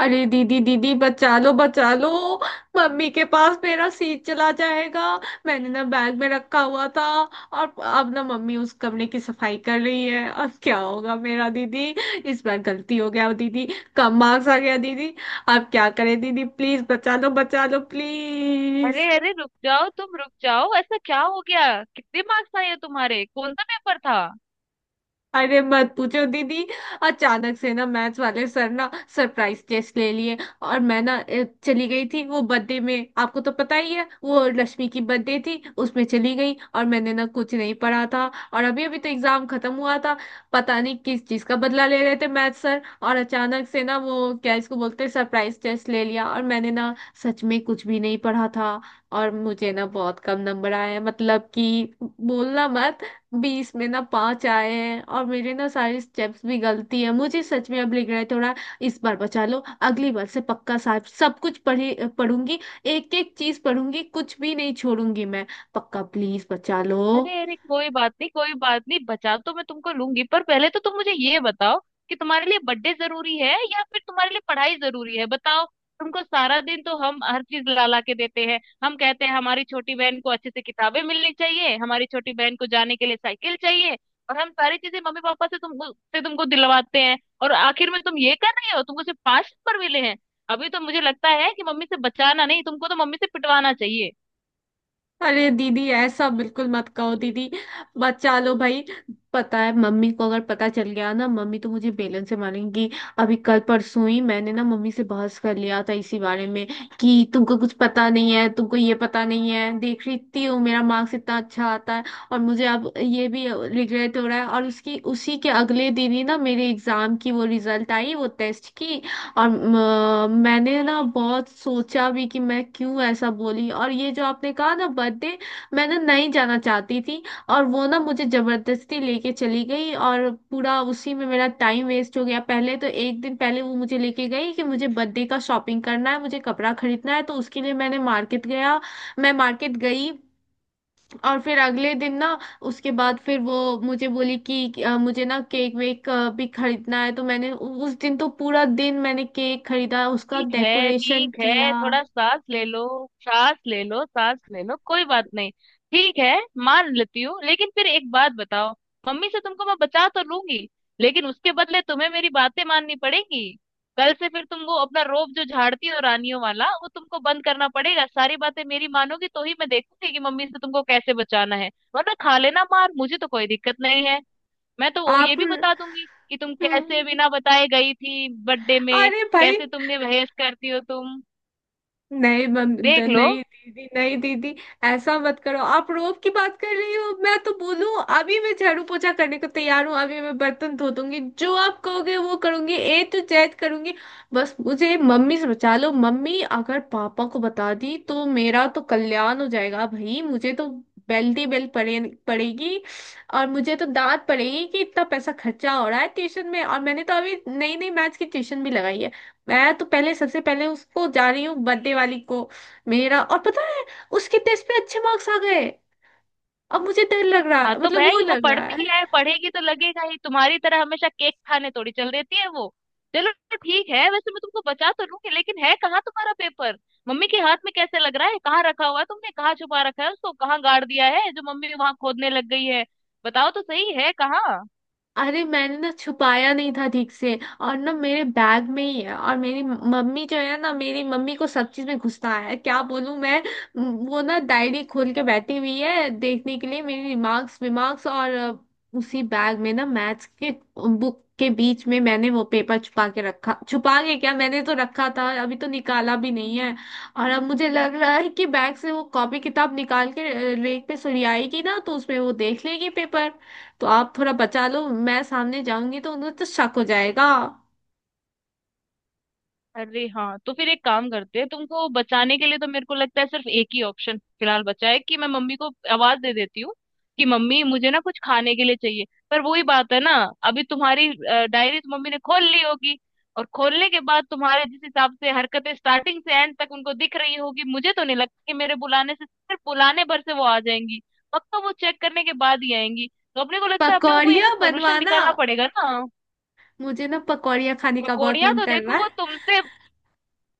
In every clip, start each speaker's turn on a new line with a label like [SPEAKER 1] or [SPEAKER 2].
[SPEAKER 1] अरे दीदी, दीदी बचा लो, बचा लो। मम्मी के पास मेरा सीट चला जाएगा। मैंने ना बैग में रखा हुआ था। और अब ना मम्मी उस कमरे की सफाई कर रही है, अब क्या होगा मेरा दीदी। इस बार गलती हो गया दीदी। कम मार्क्स आ गया दीदी। अब क्या करें दीदी, प्लीज बचा लो, बचा लो
[SPEAKER 2] अरे
[SPEAKER 1] प्लीज।
[SPEAKER 2] अरे, रुक जाओ। तुम रुक जाओ। ऐसा क्या हो गया? कितने मार्क्स आए हैं तुम्हारे? कौन सा पेपर था?
[SPEAKER 1] अरे मत पूछो दीदी। अचानक से ना मैथ्स वाले सर ना सरप्राइज टेस्ट ले लिए, और मैं ना चली गई थी वो बर्थडे में, आपको तो पता ही है वो लक्ष्मी की बर्थडे थी, उसमें चली गई और मैंने ना कुछ नहीं पढ़ा था। और अभी अभी तो एग्जाम खत्म हुआ था। पता नहीं किस चीज का बदला ले रहे थे मैथ्स सर, और अचानक से ना वो क्या इसको बोलते हैं, सरप्राइज टेस्ट ले लिया और मैंने ना सच में कुछ भी नहीं पढ़ा था। और मुझे ना बहुत कम नंबर आए, मतलब कि बोलना मत। 20 में ना 5 आए हैं, और मेरे ना सारे स्टेप्स भी गलती है, मुझे सच में अब लग रहा है थोड़ा। इस बार बचा लो। अगली बार से पक्का साहब सब कुछ पढ़ी पढ़ूंगी। एक एक चीज पढ़ूंगी, कुछ भी नहीं छोड़ूंगी मैं। पक्का प्लीज बचा लो।
[SPEAKER 2] अरे अरे, कोई बात नहीं, कोई बात नहीं। बचा तो मैं तुमको लूंगी, पर पहले तो तुम मुझे ये बताओ कि तुम्हारे लिए बर्थडे जरूरी है या फिर तुम्हारे लिए पढ़ाई जरूरी है? बताओ। तुमको सारा दिन तो हम हर चीज ला ला के देते हैं। हम कहते हैं हमारी छोटी बहन को अच्छे से किताबें मिलनी चाहिए, हमारी छोटी बहन को जाने के लिए साइकिल चाहिए, और हम सारी चीजें मम्मी पापा से तुमको दिलवाते हैं। और आखिर में तुम ये कर रहे हो? तुमको सिर्फ पांच नंबर मिले हैं? अभी तो मुझे लगता है कि मम्मी से बचाना नहीं, तुमको तो मम्मी से पिटवाना चाहिए।
[SPEAKER 1] अरे दीदी ऐसा बिल्कुल मत कहो दीदी। बचा लो भाई। पता है मम्मी को अगर पता चल गया ना, मम्मी तो मुझे बेलन से मारेंगी। अभी कल परसों ही मैंने ना मम्मी से बहस कर लिया था इसी बारे में, कि तुमको कुछ पता नहीं है, तुमको ये पता नहीं है, देख रही थी हूँ मेरा मार्क्स इतना अच्छा आता है। और मुझे अब ये भी रिग्रेट हो रहा है, और उसकी उसी के अगले दिन ही ना मेरे एग्जाम की वो रिजल्ट आई, वो टेस्ट की। और मैंने ना बहुत सोचा भी कि मैं क्यों ऐसा बोली, और ये जो आपने कहा ना बर्थडे, मैं ना नहीं जाना चाहती थी। और वो ना मुझे जबरदस्ती लेके चली गई और पूरा उसी में मेरा टाइम वेस्ट हो गया। पहले तो एक दिन पहले वो मुझे लेके गई कि मुझे बर्थडे का शॉपिंग करना है, मुझे कपड़ा खरीदना है, तो उसके लिए मैंने मार्केट गया, मैं मार्केट गई। और फिर अगले दिन ना उसके बाद फिर वो मुझे बोली कि मुझे ना केक वेक भी खरीदना है, तो मैंने उस दिन तो पूरा दिन मैंने केक खरीदा, उसका
[SPEAKER 2] ठीक है
[SPEAKER 1] डेकोरेशन
[SPEAKER 2] ठीक
[SPEAKER 1] किया।
[SPEAKER 2] है, थोड़ा सांस ले लो। सांस ले लो, सांस ले लो। कोई बात नहीं। ठीक है, मान लेती हूँ। लेकिन फिर एक बात बताओ। मम्मी से तुमको मैं बचा तो लूंगी, लेकिन उसके बदले तुम्हें मेरी बातें माननी पड़ेंगी। कल से फिर तुमको अपना रोब जो झाड़ती हो रानियों वाला, वो तुमको बंद करना पड़ेगा। सारी बातें मेरी मानोगी तो ही मैं देखूंगी कि मम्मी से तुमको कैसे बचाना है। वरना खा लेना मार, मुझे तो कोई दिक्कत नहीं है। मैं तो वो ये
[SPEAKER 1] आप।
[SPEAKER 2] भी बता दूंगी कि तुम
[SPEAKER 1] हम्म,
[SPEAKER 2] कैसे बिना बताए गई थी बर्थडे में,
[SPEAKER 1] अरे भाई।
[SPEAKER 2] कैसे तुमने, बहस करती हो तुम।
[SPEAKER 1] नहीं बंद
[SPEAKER 2] देख लो।
[SPEAKER 1] नहीं दीदी, नहीं दीदी। ऐसा मत करो आप। रोब की बात कर रही हो, मैं तो बोलूं अभी मैं झाड़ू पोछा करने को तैयार हूँ, अभी मैं बर्तन धो दूंगी, जो आप कहोगे वो करूंगी, ए टू जेड करूंगी। बस मुझे मम्मी से बचा लो, मम्मी अगर पापा को बता दी तो मेरा तो कल्याण हो जाएगा भाई। मुझे तो बेल दी, बेल पड़े, पड़ेगी। और मुझे तो डांट पड़ेगी कि इतना पैसा खर्चा हो रहा है ट्यूशन में, और मैंने तो अभी नई नई मैथ्स की ट्यूशन भी लगाई है। मैं तो पहले सबसे पहले उसको जा रही हूँ, बर्थडे वाली को। मेरा और पता है, उसके टेस्ट पे अच्छे मार्क्स आ गए। अब मुझे डर लग रहा
[SPEAKER 2] हाँ
[SPEAKER 1] है,
[SPEAKER 2] तो
[SPEAKER 1] मतलब वो
[SPEAKER 2] भाई, वो
[SPEAKER 1] लग रहा है।
[SPEAKER 2] पढ़ती है, पढ़ेगी तो लगेगा ही। तुम्हारी तरह हमेशा केक खाने थोड़ी चल देती है वो। चलो ठीक है, वैसे मैं तुमको बचा तो लूंगी, लेकिन है कहाँ तुम्हारा पेपर? मम्मी के हाथ में कैसे लग रहा है? कहाँ रखा हुआ है? तुमने कहाँ छुपा रखा है उसको? कहाँ गाड़ दिया है जो मम्मी वहां खोदने लग गई है? बताओ तो सही है कहाँ।
[SPEAKER 1] अरे मैंने ना छुपाया नहीं था ठीक से, और ना मेरे बैग में ही है। और मेरी मम्मी जो है ना, मेरी मम्मी को सब चीज में गुस्सा है, क्या बोलूं मैं। म, वो ना डायरी खोल के बैठी हुई है देखने के लिए मेरी रिमार्क्स विमार्क्स। और उसी बैग में ना मैथ्स के बुक के बीच में मैंने वो पेपर छुपा के रखा, छुपा के क्या, मैंने तो रखा था, अभी तो निकाला भी नहीं है। और अब मुझे लग रहा है कि बैग से वो कॉपी किताब निकाल के रेक पे सुरियाएगी ना, तो उसमें वो देख लेगी पेपर। तो आप थोड़ा बचा लो, मैं सामने जाऊंगी तो उन्हें तो शक हो जाएगा।
[SPEAKER 2] अरे हाँ, तो फिर एक काम करते हैं। तुमको बचाने के लिए तो मेरे को लगता है सिर्फ एक ही ऑप्शन फिलहाल बचा है कि मैं मम्मी को आवाज दे देती हूँ कि मम्मी मुझे ना कुछ खाने के लिए चाहिए। पर वही बात है ना, अभी तुम्हारी डायरी तो मम्मी ने खोल ली होगी, और खोलने के बाद तुम्हारे जिस हिसाब से हरकतें स्टार्टिंग से एंड तक उनको दिख रही होगी, मुझे तो नहीं लगता कि मेरे बुलाने से, सिर्फ बुलाने भर से वो आ जाएंगी। पक्का वो चेक करने के बाद ही आएंगी। तो अपने को लगता है अपने को कोई ऐसा
[SPEAKER 1] पकौड़िया
[SPEAKER 2] सोल्यूशन
[SPEAKER 1] बनवाना,
[SPEAKER 2] निकालना पड़ेगा ना।
[SPEAKER 1] मुझे ना पकौड़िया खाने का बहुत
[SPEAKER 2] पकौड़िया
[SPEAKER 1] मन
[SPEAKER 2] तो
[SPEAKER 1] कर रहा
[SPEAKER 2] देखो,
[SPEAKER 1] है।
[SPEAKER 2] वो तुमसे,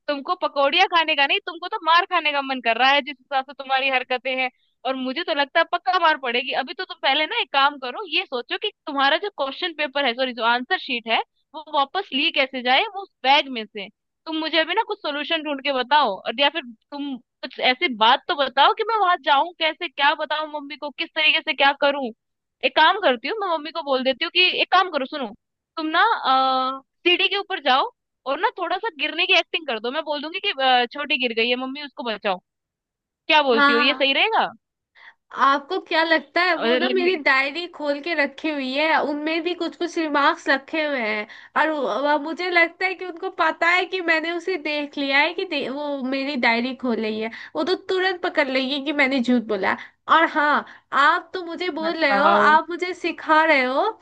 [SPEAKER 2] तुमको पकौड़ियाँ खाने का नहीं, तुमको तो मार खाने का मन कर रहा है जिस हिसाब से तुम्हारी हरकतें हैं। और मुझे तो लगता है पक्का मार पड़ेगी। अभी तो तुम पहले ना एक काम करो, ये सोचो कि तुम्हारा जो क्वेश्चन पेपर है, सॉरी जो आंसर शीट है, वो वापस ली कैसे जाए, वो उस बैग में से। तुम मुझे अभी ना कुछ सोल्यूशन ढूंढ के बताओ, और या फिर तुम कुछ ऐसी बात तो बताओ कि मैं वहां जाऊं कैसे, क्या बताऊं मम्मी को, किस तरीके से क्या करूं। एक काम करती हूँ, मैं मम्मी को बोल देती हूँ कि एक काम करो, सुनो। तुम ना सीढ़ी के ऊपर जाओ, और ना थोड़ा सा गिरने की एक्टिंग कर दो। मैं बोल दूंगी कि छोटी गिर गई है मम्मी, उसको बचाओ। क्या बोलती हो, ये
[SPEAKER 1] हाँ।
[SPEAKER 2] सही रहेगा?
[SPEAKER 1] आपको क्या लगता है, वो
[SPEAKER 2] और
[SPEAKER 1] ना
[SPEAKER 2] लगने,
[SPEAKER 1] मेरी डायरी खोल के रखी हुई है, उनमें भी कुछ कुछ रिमार्क्स रखे हुए हैं। और मुझे लगता है कि उनको पता है कि मैंने उसे देख लिया है कि वो मेरी डायरी खोल रही है। वो तो तुरंत पकड़ लेगी कि मैंने झूठ बोला। और हाँ, आप तो मुझे बोल रहे हो,
[SPEAKER 2] बताओ।
[SPEAKER 1] आप मुझे सिखा रहे हो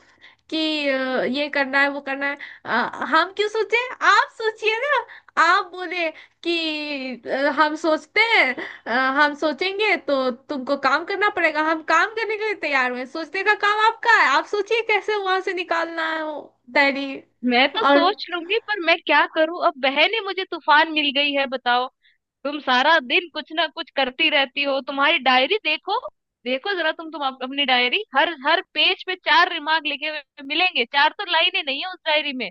[SPEAKER 1] कि ये करना है वो करना है। अ, हम क्यों सोचे, आप सोचिए ना। आप बोले कि हम सोचते हैं, अ, हम सोचेंगे, तो तुमको काम करना पड़ेगा। हम काम करने के लिए तैयार हुए, सोचने का काम आपका है, आप सोचिए कैसे वहां से निकालना है वो डायरी।
[SPEAKER 2] मैं तो
[SPEAKER 1] और
[SPEAKER 2] सोच लूंगी, पर मैं क्या करूं? अब बहन ही मुझे तूफान मिल गई है, बताओ। तुम सारा दिन कुछ ना कुछ करती रहती हो। तुम्हारी डायरी देखो, देखो जरा। तुम अपनी डायरी, हर हर पेज पे चार रिमार्क लिखे हुए मिलेंगे। चार तो लाइनें नहीं है उस डायरी में।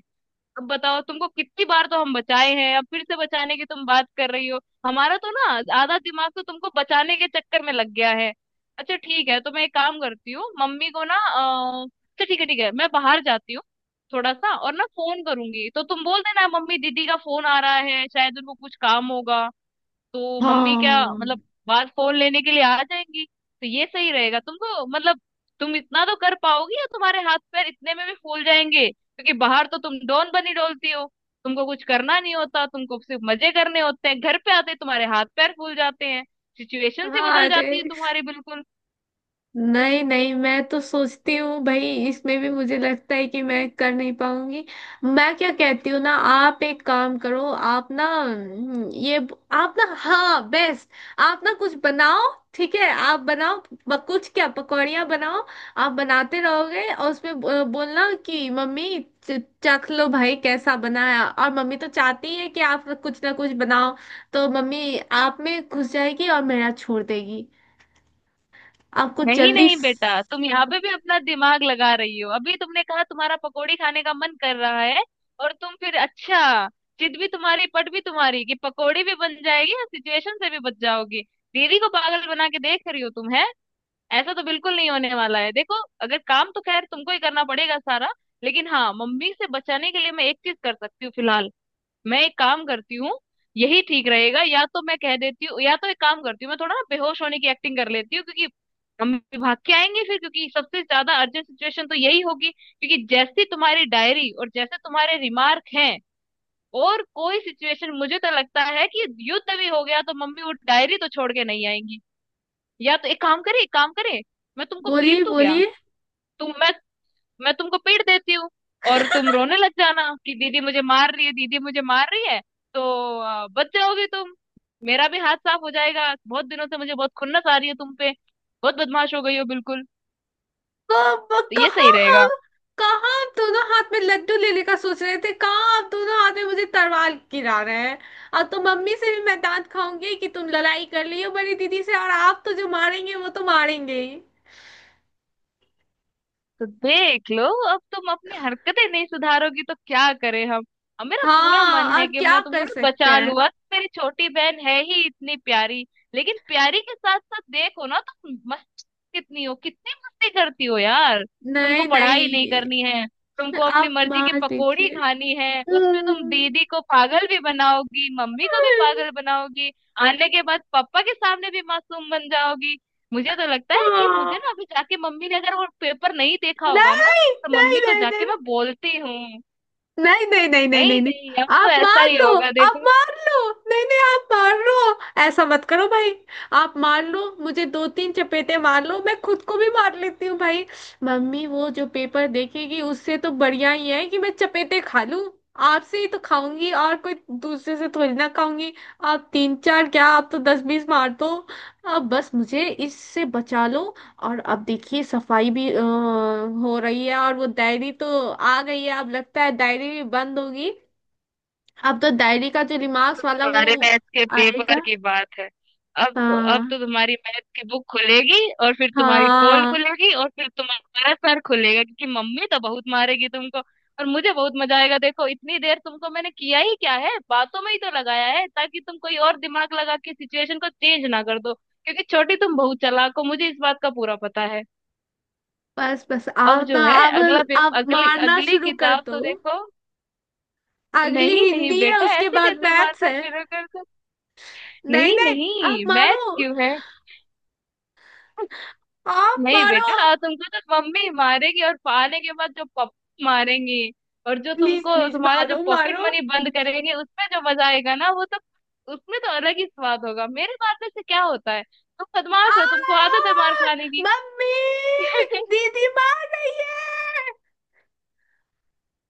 [SPEAKER 2] अब बताओ, तुमको कितनी बार तो हम बचाए हैं, अब फिर से बचाने की तुम बात कर रही हो। हमारा तो ना आधा दिमाग तो तुमको बचाने के चक्कर में लग गया है। अच्छा ठीक है, तो मैं एक काम करती हूँ, मम्मी को ना अच्छा ठीक है ठीक है, मैं बाहर जाती हूँ थोड़ा सा, और ना फोन करूंगी तो तुम बोल देना मम्मी दीदी का फोन आ रहा है, शायद उनको कुछ काम होगा। तो मम्मी क्या,
[SPEAKER 1] हाँ।
[SPEAKER 2] मतलब बाहर फोन लेने के लिए आ जाएंगी, तो ये सही रहेगा। तुम तो मतलब, तुम इतना तो कर पाओगी या तुम्हारे हाथ पैर इतने में भी फूल जाएंगे? क्योंकि बाहर तो तुम डॉन बनी डोलती हो, तुमको कुछ करना नहीं होता, तुमको सिर्फ मजे करने होते हैं, घर पे आते ही तुम्हारे हाथ पैर फूल जाते हैं। सिचुएशन से
[SPEAKER 1] हाँ।
[SPEAKER 2] बदल
[SPEAKER 1] अरे
[SPEAKER 2] जाती है तुम्हारी बिल्कुल।
[SPEAKER 1] नहीं नहीं, मैं तो सोचती हूँ भाई इसमें भी मुझे लगता है कि मैं कर नहीं पाऊंगी। मैं क्या कहती हूँ ना, आप एक काम करो, आप ना ये, आप ना हाँ बेस्ट, आप ना कुछ बनाओ, ठीक है आप बनाओ। कुछ क्या, पकौड़ियाँ बनाओ। आप बनाते रहोगे, और उसमें बोलना कि मम्मी चख लो भाई कैसा बनाया, और मम्मी तो चाहती है कि आप कुछ ना कुछ बनाओ, तो मम्मी आप में घुस जाएगी और मेरा छोड़ देगी। आपको
[SPEAKER 2] नहीं
[SPEAKER 1] जल्दी
[SPEAKER 2] नहीं बेटा, तुम यहाँ पे भी अपना दिमाग लगा रही हो। अभी तुमने कहा तुम्हारा पकोड़ी खाने का मन कर रहा है, और तुम फिर, अच्छा जिद भी तुम्हारी पट भी तुम्हारी, कि पकोड़ी भी बन जाएगी और सिचुएशन से भी बच जाओगी। दीदी को पागल बना के देख रही हो तुम, है? ऐसा तो बिल्कुल नहीं होने वाला है, देखो। अगर काम तो खैर तुमको ही करना पड़ेगा सारा, लेकिन हाँ, मम्मी से बचाने के लिए मैं एक चीज कर सकती हूँ फिलहाल। मैं एक काम करती हूँ, यही ठीक रहेगा। या तो मैं कह देती हूँ, या तो एक काम करती हूँ, मैं थोड़ा ना बेहोश होने की एक्टिंग कर लेती हूँ, क्योंकि हम भाग के आएंगे फिर, क्योंकि सबसे ज्यादा अर्जेंट सिचुएशन तो यही होगी, क्योंकि जैसी तुम्हारी डायरी और जैसे तुम्हारे रिमार्क हैं, और कोई सिचुएशन, मुझे तो लगता है कि युद्ध भी हो गया तो मम्मी वो डायरी तो छोड़ के नहीं आएंगी। या तो एक काम करे, मैं तुमको पीट
[SPEAKER 1] बोलिए,
[SPEAKER 2] दूं क्या?
[SPEAKER 1] बोलिए।
[SPEAKER 2] तुम, मैं तुमको पीट देती हूँ, और तुम रोने लग जाना कि दीदी मुझे मार रही है, दीदी मुझे मार रही है। तो बच जाओगी तुम, मेरा भी हाथ साफ हो जाएगा। बहुत दिनों से मुझे बहुत खुन्नस आ रही है तुम पे, बहुत बदमाश हो गई हो बिल्कुल।
[SPEAKER 1] कब?
[SPEAKER 2] तो ये
[SPEAKER 1] कहाँ
[SPEAKER 2] सही रहेगा।
[SPEAKER 1] हम, कहाँ आप दोनों हाथ में लड्डू लेने का सोच रहे थे, कहाँ आप दोनों हाथ में मुझे तलवार गिरा रहे हैं। और तो मम्मी से भी मैं डांट खाऊंगी कि तुम लड़ाई कर रही हो बड़ी दीदी से, और आप तो जो मारेंगे वो तो मारेंगे ही।
[SPEAKER 2] तो देख लो, अब तुम अपनी हरकतें नहीं सुधारोगी तो क्या करें हम। अब मेरा पूरा मन
[SPEAKER 1] हाँ,
[SPEAKER 2] है
[SPEAKER 1] आप
[SPEAKER 2] कि
[SPEAKER 1] क्या
[SPEAKER 2] मैं तुमको
[SPEAKER 1] कर
[SPEAKER 2] ना
[SPEAKER 1] सकते
[SPEAKER 2] बचा
[SPEAKER 1] हैं।
[SPEAKER 2] लूँ, अब मेरी छोटी बहन है ही इतनी प्यारी। लेकिन प्यारी के साथ साथ देखो ना तुम, कितनी हो, कितनी मस्ती करती हो यार। तुमको
[SPEAKER 1] नहीं
[SPEAKER 2] पढ़ाई नहीं
[SPEAKER 1] नहीं।
[SPEAKER 2] करनी है, तुमको अपनी
[SPEAKER 1] आप
[SPEAKER 2] मर्जी की
[SPEAKER 1] मार
[SPEAKER 2] पकोड़ी
[SPEAKER 1] दीजिए।
[SPEAKER 2] खानी है, उसमें तुम
[SPEAKER 1] हम्म।
[SPEAKER 2] दीदी को पागल भी बनाओगी, मम्मी को भी पागल बनाओगी, आने के बाद पापा के सामने भी मासूम बन जाओगी। मुझे तो लगता है कि
[SPEAKER 1] हाँ।
[SPEAKER 2] मुझे ना अभी जाके, मम्मी ने अगर वो पेपर नहीं देखा होगा ना,
[SPEAKER 1] नहीं
[SPEAKER 2] तो
[SPEAKER 1] नहीं
[SPEAKER 2] मम्मी को
[SPEAKER 1] नहीं
[SPEAKER 2] जाके
[SPEAKER 1] नहीं।
[SPEAKER 2] मैं बोलती हूँ।
[SPEAKER 1] नहीं नहीं नहीं नहीं।
[SPEAKER 2] नहीं
[SPEAKER 1] नहीं नहीं
[SPEAKER 2] नहीं, अब तो
[SPEAKER 1] आप
[SPEAKER 2] ऐसा
[SPEAKER 1] मार
[SPEAKER 2] ही
[SPEAKER 1] लो,
[SPEAKER 2] होगा,
[SPEAKER 1] आप
[SPEAKER 2] देखो।
[SPEAKER 1] मार लो, नहीं नहीं आप मार लो। ऐसा मत करो भाई। आप मार लो, मुझे दो तीन चपेटे मार लो, मैं खुद को भी मार लेती हूँ भाई। मम्मी वो जो पेपर देखेगी उससे तो बढ़िया ही है कि मैं चपेटे खा लूं। आपसे ही तो खाऊंगी, और कोई दूसरे से थोड़ी ना खाऊंगी। आप तीन चार क्या, आप तो 10 20 मार दो। अब बस मुझे इससे बचा लो। और अब देखिए सफाई भी हो रही है, और वो डायरी तो आ गई है, अब लगता है डायरी भी बंद होगी। अब तो डायरी का जो रिमार्क्स वाला वो
[SPEAKER 2] तुम्हारे मैथ्स के
[SPEAKER 1] आएगा।
[SPEAKER 2] पेपर की बात है, अब तो, अब तो
[SPEAKER 1] हाँ।
[SPEAKER 2] तुम्हारी मैथ की बुक खुलेगी, और फिर तुम्हारी पोल
[SPEAKER 1] हाँ।
[SPEAKER 2] खुलेगी, और फिर तुम्हारा सर खुलेगा क्योंकि मम्मी तो बहुत मारेगी तुमको। और मुझे बहुत मजा आएगा। देखो इतनी देर तुमको मैंने किया ही क्या है, बातों में ही तो लगाया है, ताकि तुम कोई और दिमाग लगा के सिचुएशन को चेंज ना कर दो, क्योंकि छोटी तुम बहुत चालाक हो, मुझे इस बात का पूरा पता है।
[SPEAKER 1] बस बस
[SPEAKER 2] अब
[SPEAKER 1] अब तो
[SPEAKER 2] जो है
[SPEAKER 1] अब
[SPEAKER 2] अगला
[SPEAKER 1] अब
[SPEAKER 2] अगली
[SPEAKER 1] मारना
[SPEAKER 2] अगली
[SPEAKER 1] शुरू कर
[SPEAKER 2] किताब
[SPEAKER 1] दो।
[SPEAKER 2] तो देखो।
[SPEAKER 1] अगली
[SPEAKER 2] नहीं नहीं
[SPEAKER 1] हिंदी है,
[SPEAKER 2] बेटा,
[SPEAKER 1] उसके
[SPEAKER 2] ऐसे
[SPEAKER 1] बाद
[SPEAKER 2] कैसे
[SPEAKER 1] मैथ्स
[SPEAKER 2] मारना
[SPEAKER 1] है।
[SPEAKER 2] शुरू कर?
[SPEAKER 1] नहीं
[SPEAKER 2] नहीं
[SPEAKER 1] नहीं आप
[SPEAKER 2] नहीं, मैच
[SPEAKER 1] मारो,
[SPEAKER 2] क्यों है?
[SPEAKER 1] आप
[SPEAKER 2] नहीं
[SPEAKER 1] मारो।
[SPEAKER 2] बेटा, तुमको तो मम्मी मारेगी, और पाने के बाद जो पप मारेंगी, और जो
[SPEAKER 1] प्लीज
[SPEAKER 2] तुमको
[SPEAKER 1] प्लीज
[SPEAKER 2] तुम्हारा जो
[SPEAKER 1] मारो
[SPEAKER 2] पॉकेट
[SPEAKER 1] मारो।
[SPEAKER 2] मनी बंद करेंगे उसमें जो मजा आएगा ना वो तो, उसमें तो अलग ही स्वाद होगा। मेरे मारने से क्या होता है? तुम
[SPEAKER 1] आ,
[SPEAKER 2] बदमाश हो, तुमको आदत है मार खाने की।
[SPEAKER 1] मम्मी दीदी मार रही है।